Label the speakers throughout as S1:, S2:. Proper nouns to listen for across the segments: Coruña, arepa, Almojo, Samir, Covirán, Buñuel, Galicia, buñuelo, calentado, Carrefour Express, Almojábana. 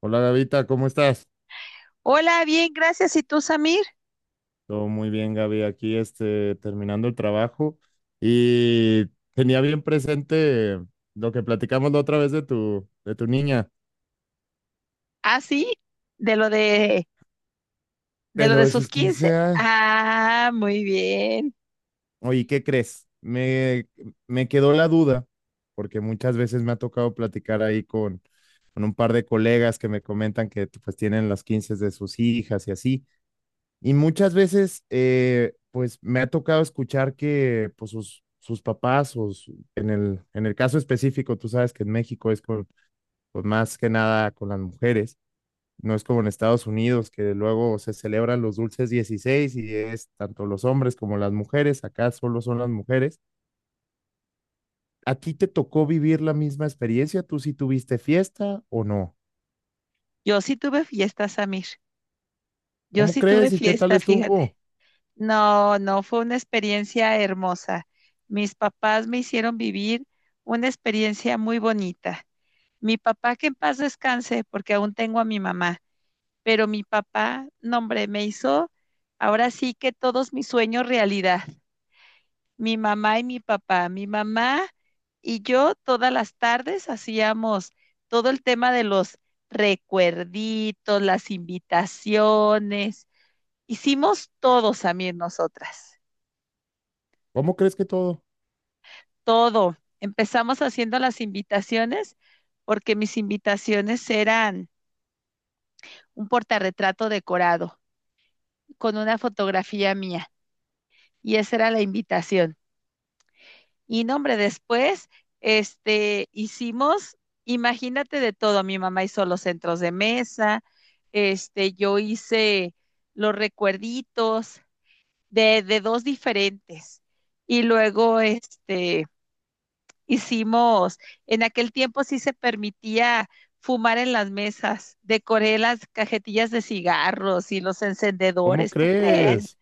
S1: Hola Gavita, ¿cómo estás?
S2: Hola, bien, gracias. ¿Y tú, Samir?
S1: Todo muy bien, Gaby. Aquí terminando el trabajo y tenía bien presente lo que platicamos la otra vez de tu niña,
S2: Ah, sí, de lo de, de
S1: de
S2: lo
S1: lo
S2: de
S1: de
S2: sus
S1: sus
S2: 15.
S1: quince años.
S2: Ah, muy bien.
S1: Oye, ¿qué crees? Me quedó la duda, porque muchas veces me ha tocado platicar ahí con un par de colegas que me comentan que pues tienen las 15 de sus hijas y así. Y muchas veces, pues me ha tocado escuchar que pues, sus papás, en en el caso específico, tú sabes que en México es con, pues, más que nada con las mujeres, no es como en Estados Unidos, que luego se celebran los dulces 16 y es tanto los hombres como las mujeres, acá solo son las mujeres. ¿A ti te tocó vivir la misma experiencia? ¿Tú sí tuviste fiesta o no?
S2: Yo sí tuve fiesta, Samir. Yo
S1: ¿Cómo
S2: sí tuve
S1: crees y qué tal
S2: fiesta, fíjate.
S1: estuvo?
S2: No, no, fue una experiencia hermosa. Mis papás me hicieron vivir una experiencia muy bonita. Mi papá, que en paz descanse, porque aún tengo a mi mamá, pero mi papá, no, hombre, me hizo ahora sí que todos mis sueños realidad. Mi mamá y mi papá. Mi mamá y yo todas las tardes hacíamos todo el tema de los recuerditos, las invitaciones. Hicimos todo, Samir, nosotras,
S1: ¿Cómo crees que todo?
S2: todo. Empezamos haciendo las invitaciones porque mis invitaciones eran un portarretrato decorado con una fotografía mía y esa era la invitación. Y no, hombre, después, hicimos, imagínate de todo, mi mamá hizo los centros de mesa, yo hice los recuerditos de dos diferentes. Y luego, hicimos, en aquel tiempo sí se permitía fumar en las mesas, decoré las cajetillas de cigarros y los
S1: ¿Cómo
S2: encendedores, ¿tú Sí.
S1: crees?
S2: crees?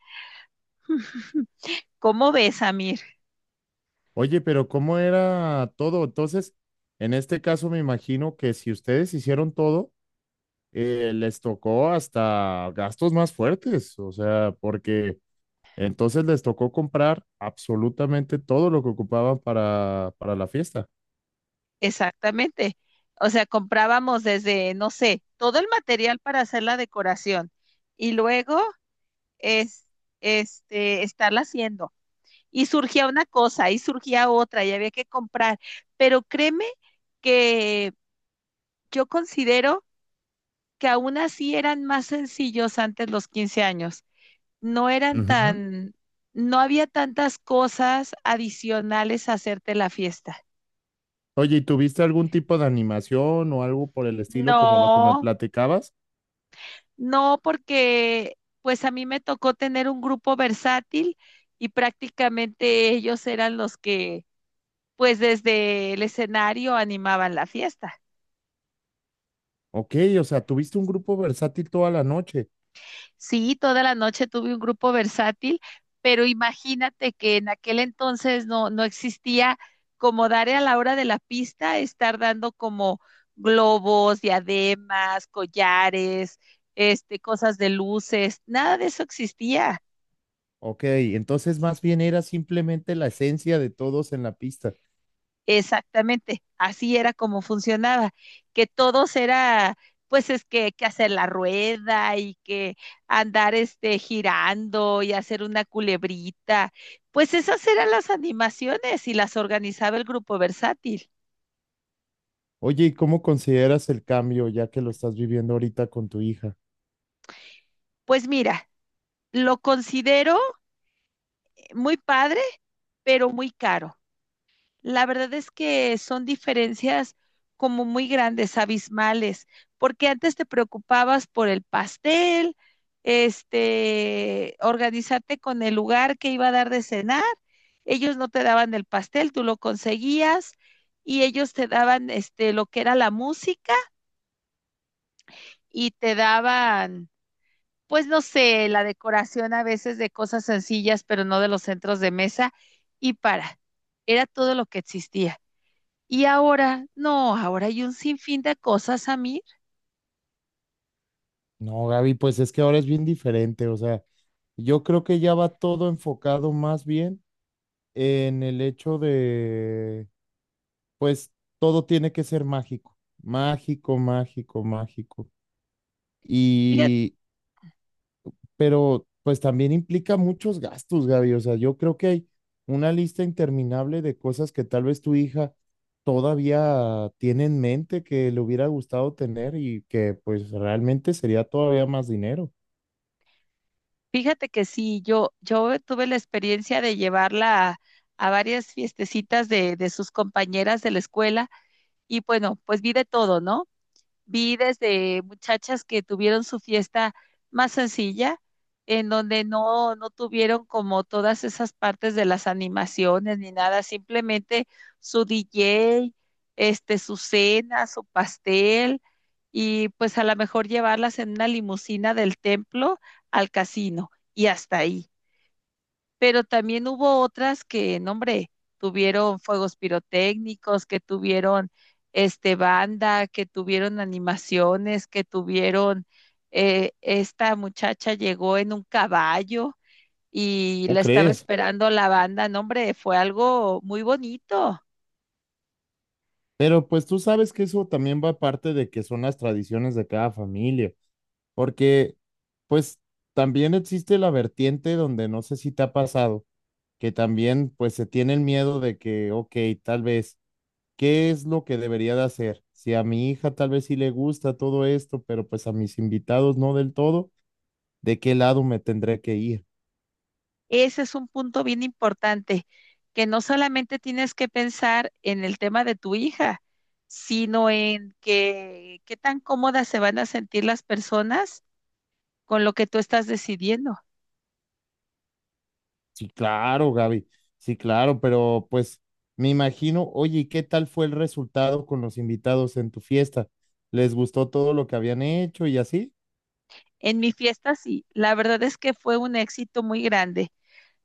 S2: ¿Cómo ves, Amir?
S1: Oye, pero ¿cómo era todo? Entonces, en este caso me imagino que si ustedes hicieron todo, les tocó hasta gastos más fuertes, o sea, porque entonces les tocó comprar absolutamente todo lo que ocupaban para la fiesta.
S2: Exactamente. O sea, comprábamos desde, no sé, todo el material para hacer la decoración y luego es, estarla haciendo. Y surgía una cosa y surgía otra y había que comprar. Pero créeme que yo considero que aún así eran más sencillos antes los 15 años. No eran
S1: Ujú.
S2: tan, no había tantas cosas adicionales a hacerte la fiesta.
S1: Oye, ¿y tuviste algún tipo de animación o algo por el estilo como lo que me
S2: No,
S1: platicabas?
S2: no, porque pues a mí me tocó tener un grupo versátil y prácticamente ellos eran los que pues desde el escenario animaban la fiesta.
S1: Ok, o sea, tuviste un grupo versátil toda la noche.
S2: Sí, toda la noche tuve un grupo versátil, pero imagínate que en aquel entonces no, no existía como dar a la hora de la pista, estar dando como globos, diademas, collares, cosas de luces, nada de eso existía.
S1: Ok, entonces más bien era simplemente la esencia de todos en la pista.
S2: Exactamente, así era como funcionaba, que todos era, pues es que hacer la rueda y que andar girando y hacer una culebrita, pues esas eran las animaciones y las organizaba el grupo versátil.
S1: Oye, ¿y cómo consideras el cambio ya que lo estás viviendo ahorita con tu hija?
S2: Pues mira, lo considero muy padre, pero muy caro. La verdad es que son diferencias como muy grandes, abismales, porque antes te preocupabas por el pastel, organizarte con el lugar que iba a dar de cenar. Ellos no te daban el pastel, tú lo conseguías y ellos te daban lo que era la música y te daban pues no sé, la decoración a veces de cosas sencillas, pero no de los centros de mesa y para. Era todo lo que existía. Y ahora, no, ahora hay un sinfín de cosas, Samir.
S1: No, Gaby, pues es que ahora es bien diferente, o sea, yo creo que ya va todo enfocado más bien en el hecho de, pues todo tiene que ser mágico, mágico, mágico, mágico.
S2: Fíjate,
S1: Y pero pues también implica muchos gastos, Gaby. O sea, yo creo que hay una lista interminable de cosas que tal vez tu hija todavía tiene en mente que le hubiera gustado tener y que pues realmente sería todavía más dinero.
S2: fíjate que sí, yo tuve la experiencia de llevarla a varias fiestecitas de sus compañeras de la escuela y bueno, pues vi de todo, ¿no? Vi desde muchachas que tuvieron su fiesta más sencilla, en donde no, no tuvieron como todas esas partes de las animaciones ni nada, simplemente su DJ, su cena, su pastel, y pues a lo mejor llevarlas en una limusina del templo al casino y hasta ahí pero también hubo otras que, no, hombre, tuvieron fuegos pirotécnicos, que tuvieron banda, que tuvieron animaciones, que tuvieron esta muchacha llegó en un caballo y
S1: ¿Cómo
S2: la estaba
S1: crees?
S2: esperando la banda, no, hombre, fue algo muy bonito.
S1: Pero pues tú sabes que eso también va parte de que son las tradiciones de cada familia, porque pues también existe la vertiente donde no sé si te ha pasado, que también pues se tiene el miedo de que, ok, tal vez ¿qué es lo que debería de hacer? Si a mi hija tal vez sí le gusta todo esto, pero pues a mis invitados no del todo, ¿de qué lado me tendré que ir?
S2: Ese es un punto bien importante, que no solamente tienes que pensar en el tema de tu hija, sino en que, qué tan cómodas se van a sentir las personas con lo que tú estás decidiendo.
S1: Sí, claro, Gaby, sí, claro, pero pues me imagino, oye, ¿y qué tal fue el resultado con los invitados en tu fiesta? ¿Les gustó todo lo que habían hecho y así?
S2: En mi fiesta sí, la verdad es que fue un éxito muy grande.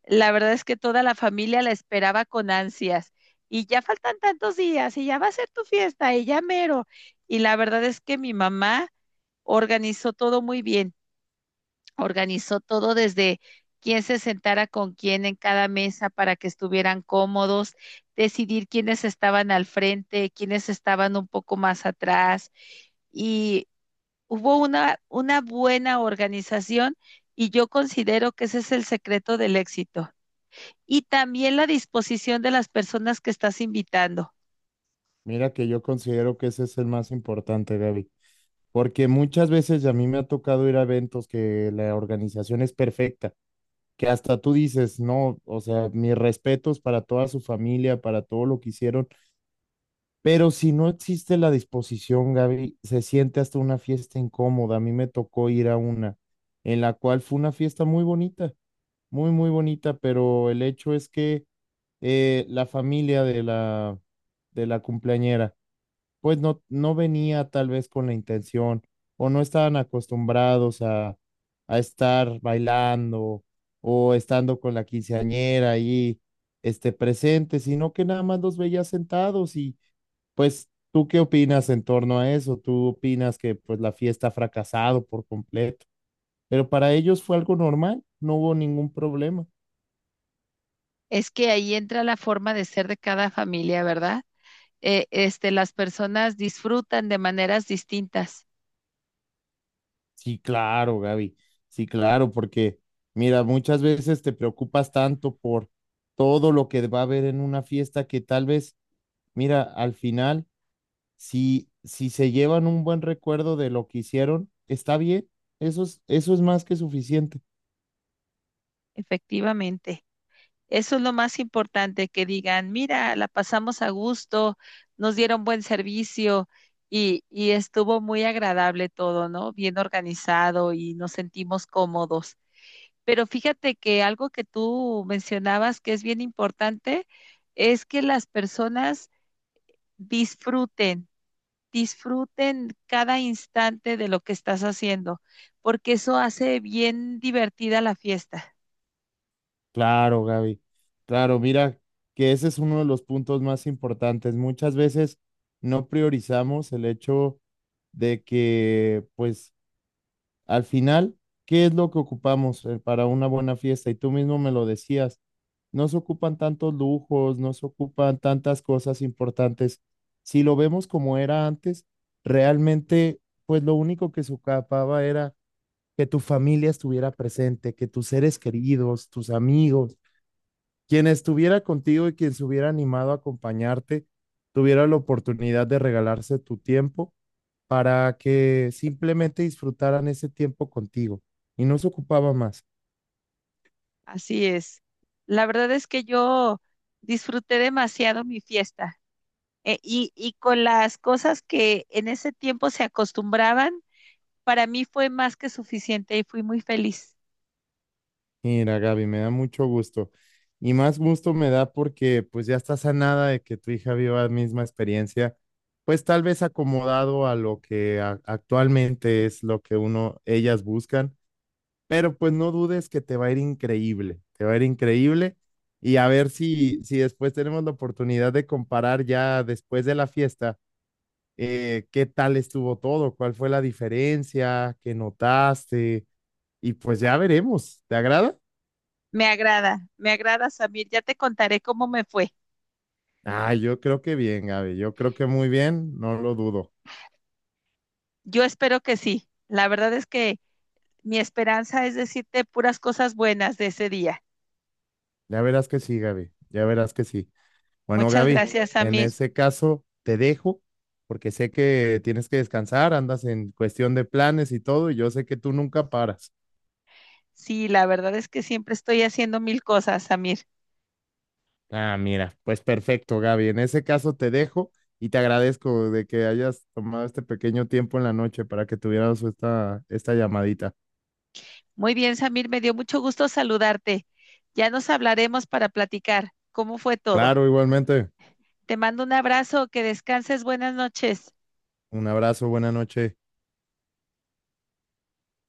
S2: La verdad es que toda la familia la esperaba con ansias. Y ya faltan tantos días y ya va a ser tu fiesta y ya mero. Y la verdad es que mi mamá organizó todo muy bien, organizó todo desde quién se sentara con quién en cada mesa para que estuvieran cómodos, decidir quiénes estaban al frente, quiénes estaban un poco más atrás. Y hubo una buena organización y yo considero que ese es el secreto del éxito. Y también la disposición de las personas que estás invitando.
S1: Mira que yo considero que ese es el más importante, Gaby, porque muchas veces a mí me ha tocado ir a eventos que la organización es perfecta que hasta tú dices, no, o sea, mis respetos para toda su familia, para todo lo que hicieron, pero si no existe la disposición, Gaby, se siente hasta una fiesta incómoda. A mí me tocó ir a una, en la cual fue una fiesta muy bonita, muy, muy bonita, pero el hecho es que la familia de la cumpleañera, pues no, no venía tal vez con la intención o no estaban acostumbrados a estar bailando o estando con la quinceañera ahí presente, sino que nada más los veía sentados y pues ¿tú qué opinas en torno a eso? ¿Tú opinas que pues la fiesta ha fracasado por completo? Pero para ellos fue algo normal, no hubo ningún problema.
S2: Es que ahí entra la forma de ser de cada familia, ¿verdad? Las personas disfrutan de maneras distintas,
S1: Sí, claro, Gaby. Sí, claro, porque mira, muchas veces te preocupas tanto por todo lo que va a haber en una fiesta que tal vez, mira, al final, si se llevan un buen recuerdo de lo que hicieron, está bien. Eso es más que suficiente.
S2: efectivamente. Eso es lo más importante, que digan, mira, la pasamos a gusto, nos dieron buen servicio y estuvo muy agradable todo, ¿no? Bien organizado y nos sentimos cómodos. Pero fíjate que algo que tú mencionabas que es bien importante es que las personas disfruten, disfruten cada instante de lo que estás haciendo, porque eso hace bien divertida la fiesta.
S1: Claro, Gaby. Claro, mira, que ese es uno de los puntos más importantes. Muchas veces no priorizamos el hecho de que, pues, al final, ¿qué es lo que ocupamos para una buena fiesta? Y tú mismo me lo decías, no se ocupan tantos lujos, no se ocupan tantas cosas importantes. Si lo vemos como era antes, realmente, pues lo único que se ocupaba era que tu familia estuviera presente, que tus seres queridos, tus amigos, quien estuviera contigo y quien se hubiera animado a acompañarte, tuviera la oportunidad de regalarse tu tiempo para que simplemente disfrutaran ese tiempo contigo y no se ocupaba más.
S2: Así es. La verdad es que yo disfruté demasiado mi fiesta y con las cosas que en ese tiempo se acostumbraban, para mí fue más que suficiente y fui muy feliz.
S1: Mira, Gaby, me da mucho gusto. Y más gusto me da porque pues ya está sanada de que tu hija viva la misma experiencia, pues tal vez acomodado a lo que actualmente es lo que uno, ellas buscan, pero pues no dudes que te va a ir increíble, te va a ir increíble y a ver si después tenemos la oportunidad de comparar ya después de la fiesta qué tal estuvo todo, cuál fue la diferencia, qué notaste, y pues ya veremos. ¿Te agrada?
S2: Me agrada, Samir. Ya te contaré cómo me fue.
S1: Ah, yo creo que bien, Gaby, yo creo que muy bien, no lo dudo.
S2: Yo espero que sí. La verdad es que mi esperanza es decirte puras cosas buenas de ese día.
S1: Ya verás que sí, Gaby, ya verás que sí. Bueno,
S2: Muchas
S1: Gaby,
S2: gracias,
S1: en
S2: Samir.
S1: ese caso te dejo porque sé que tienes que descansar, andas en cuestión de planes y todo, y yo sé que tú nunca paras.
S2: Sí, la verdad es que siempre estoy haciendo mil cosas, Samir.
S1: Ah, mira, pues perfecto, Gaby. En ese caso te dejo y te agradezco de que hayas tomado este pequeño tiempo en la noche para que tuviéramos esta llamadita.
S2: Muy bien, Samir, me dio mucho gusto saludarte. Ya nos hablaremos para platicar cómo fue todo.
S1: Claro, igualmente.
S2: Te mando un abrazo, que descanses, buenas noches.
S1: Un abrazo, buena noche.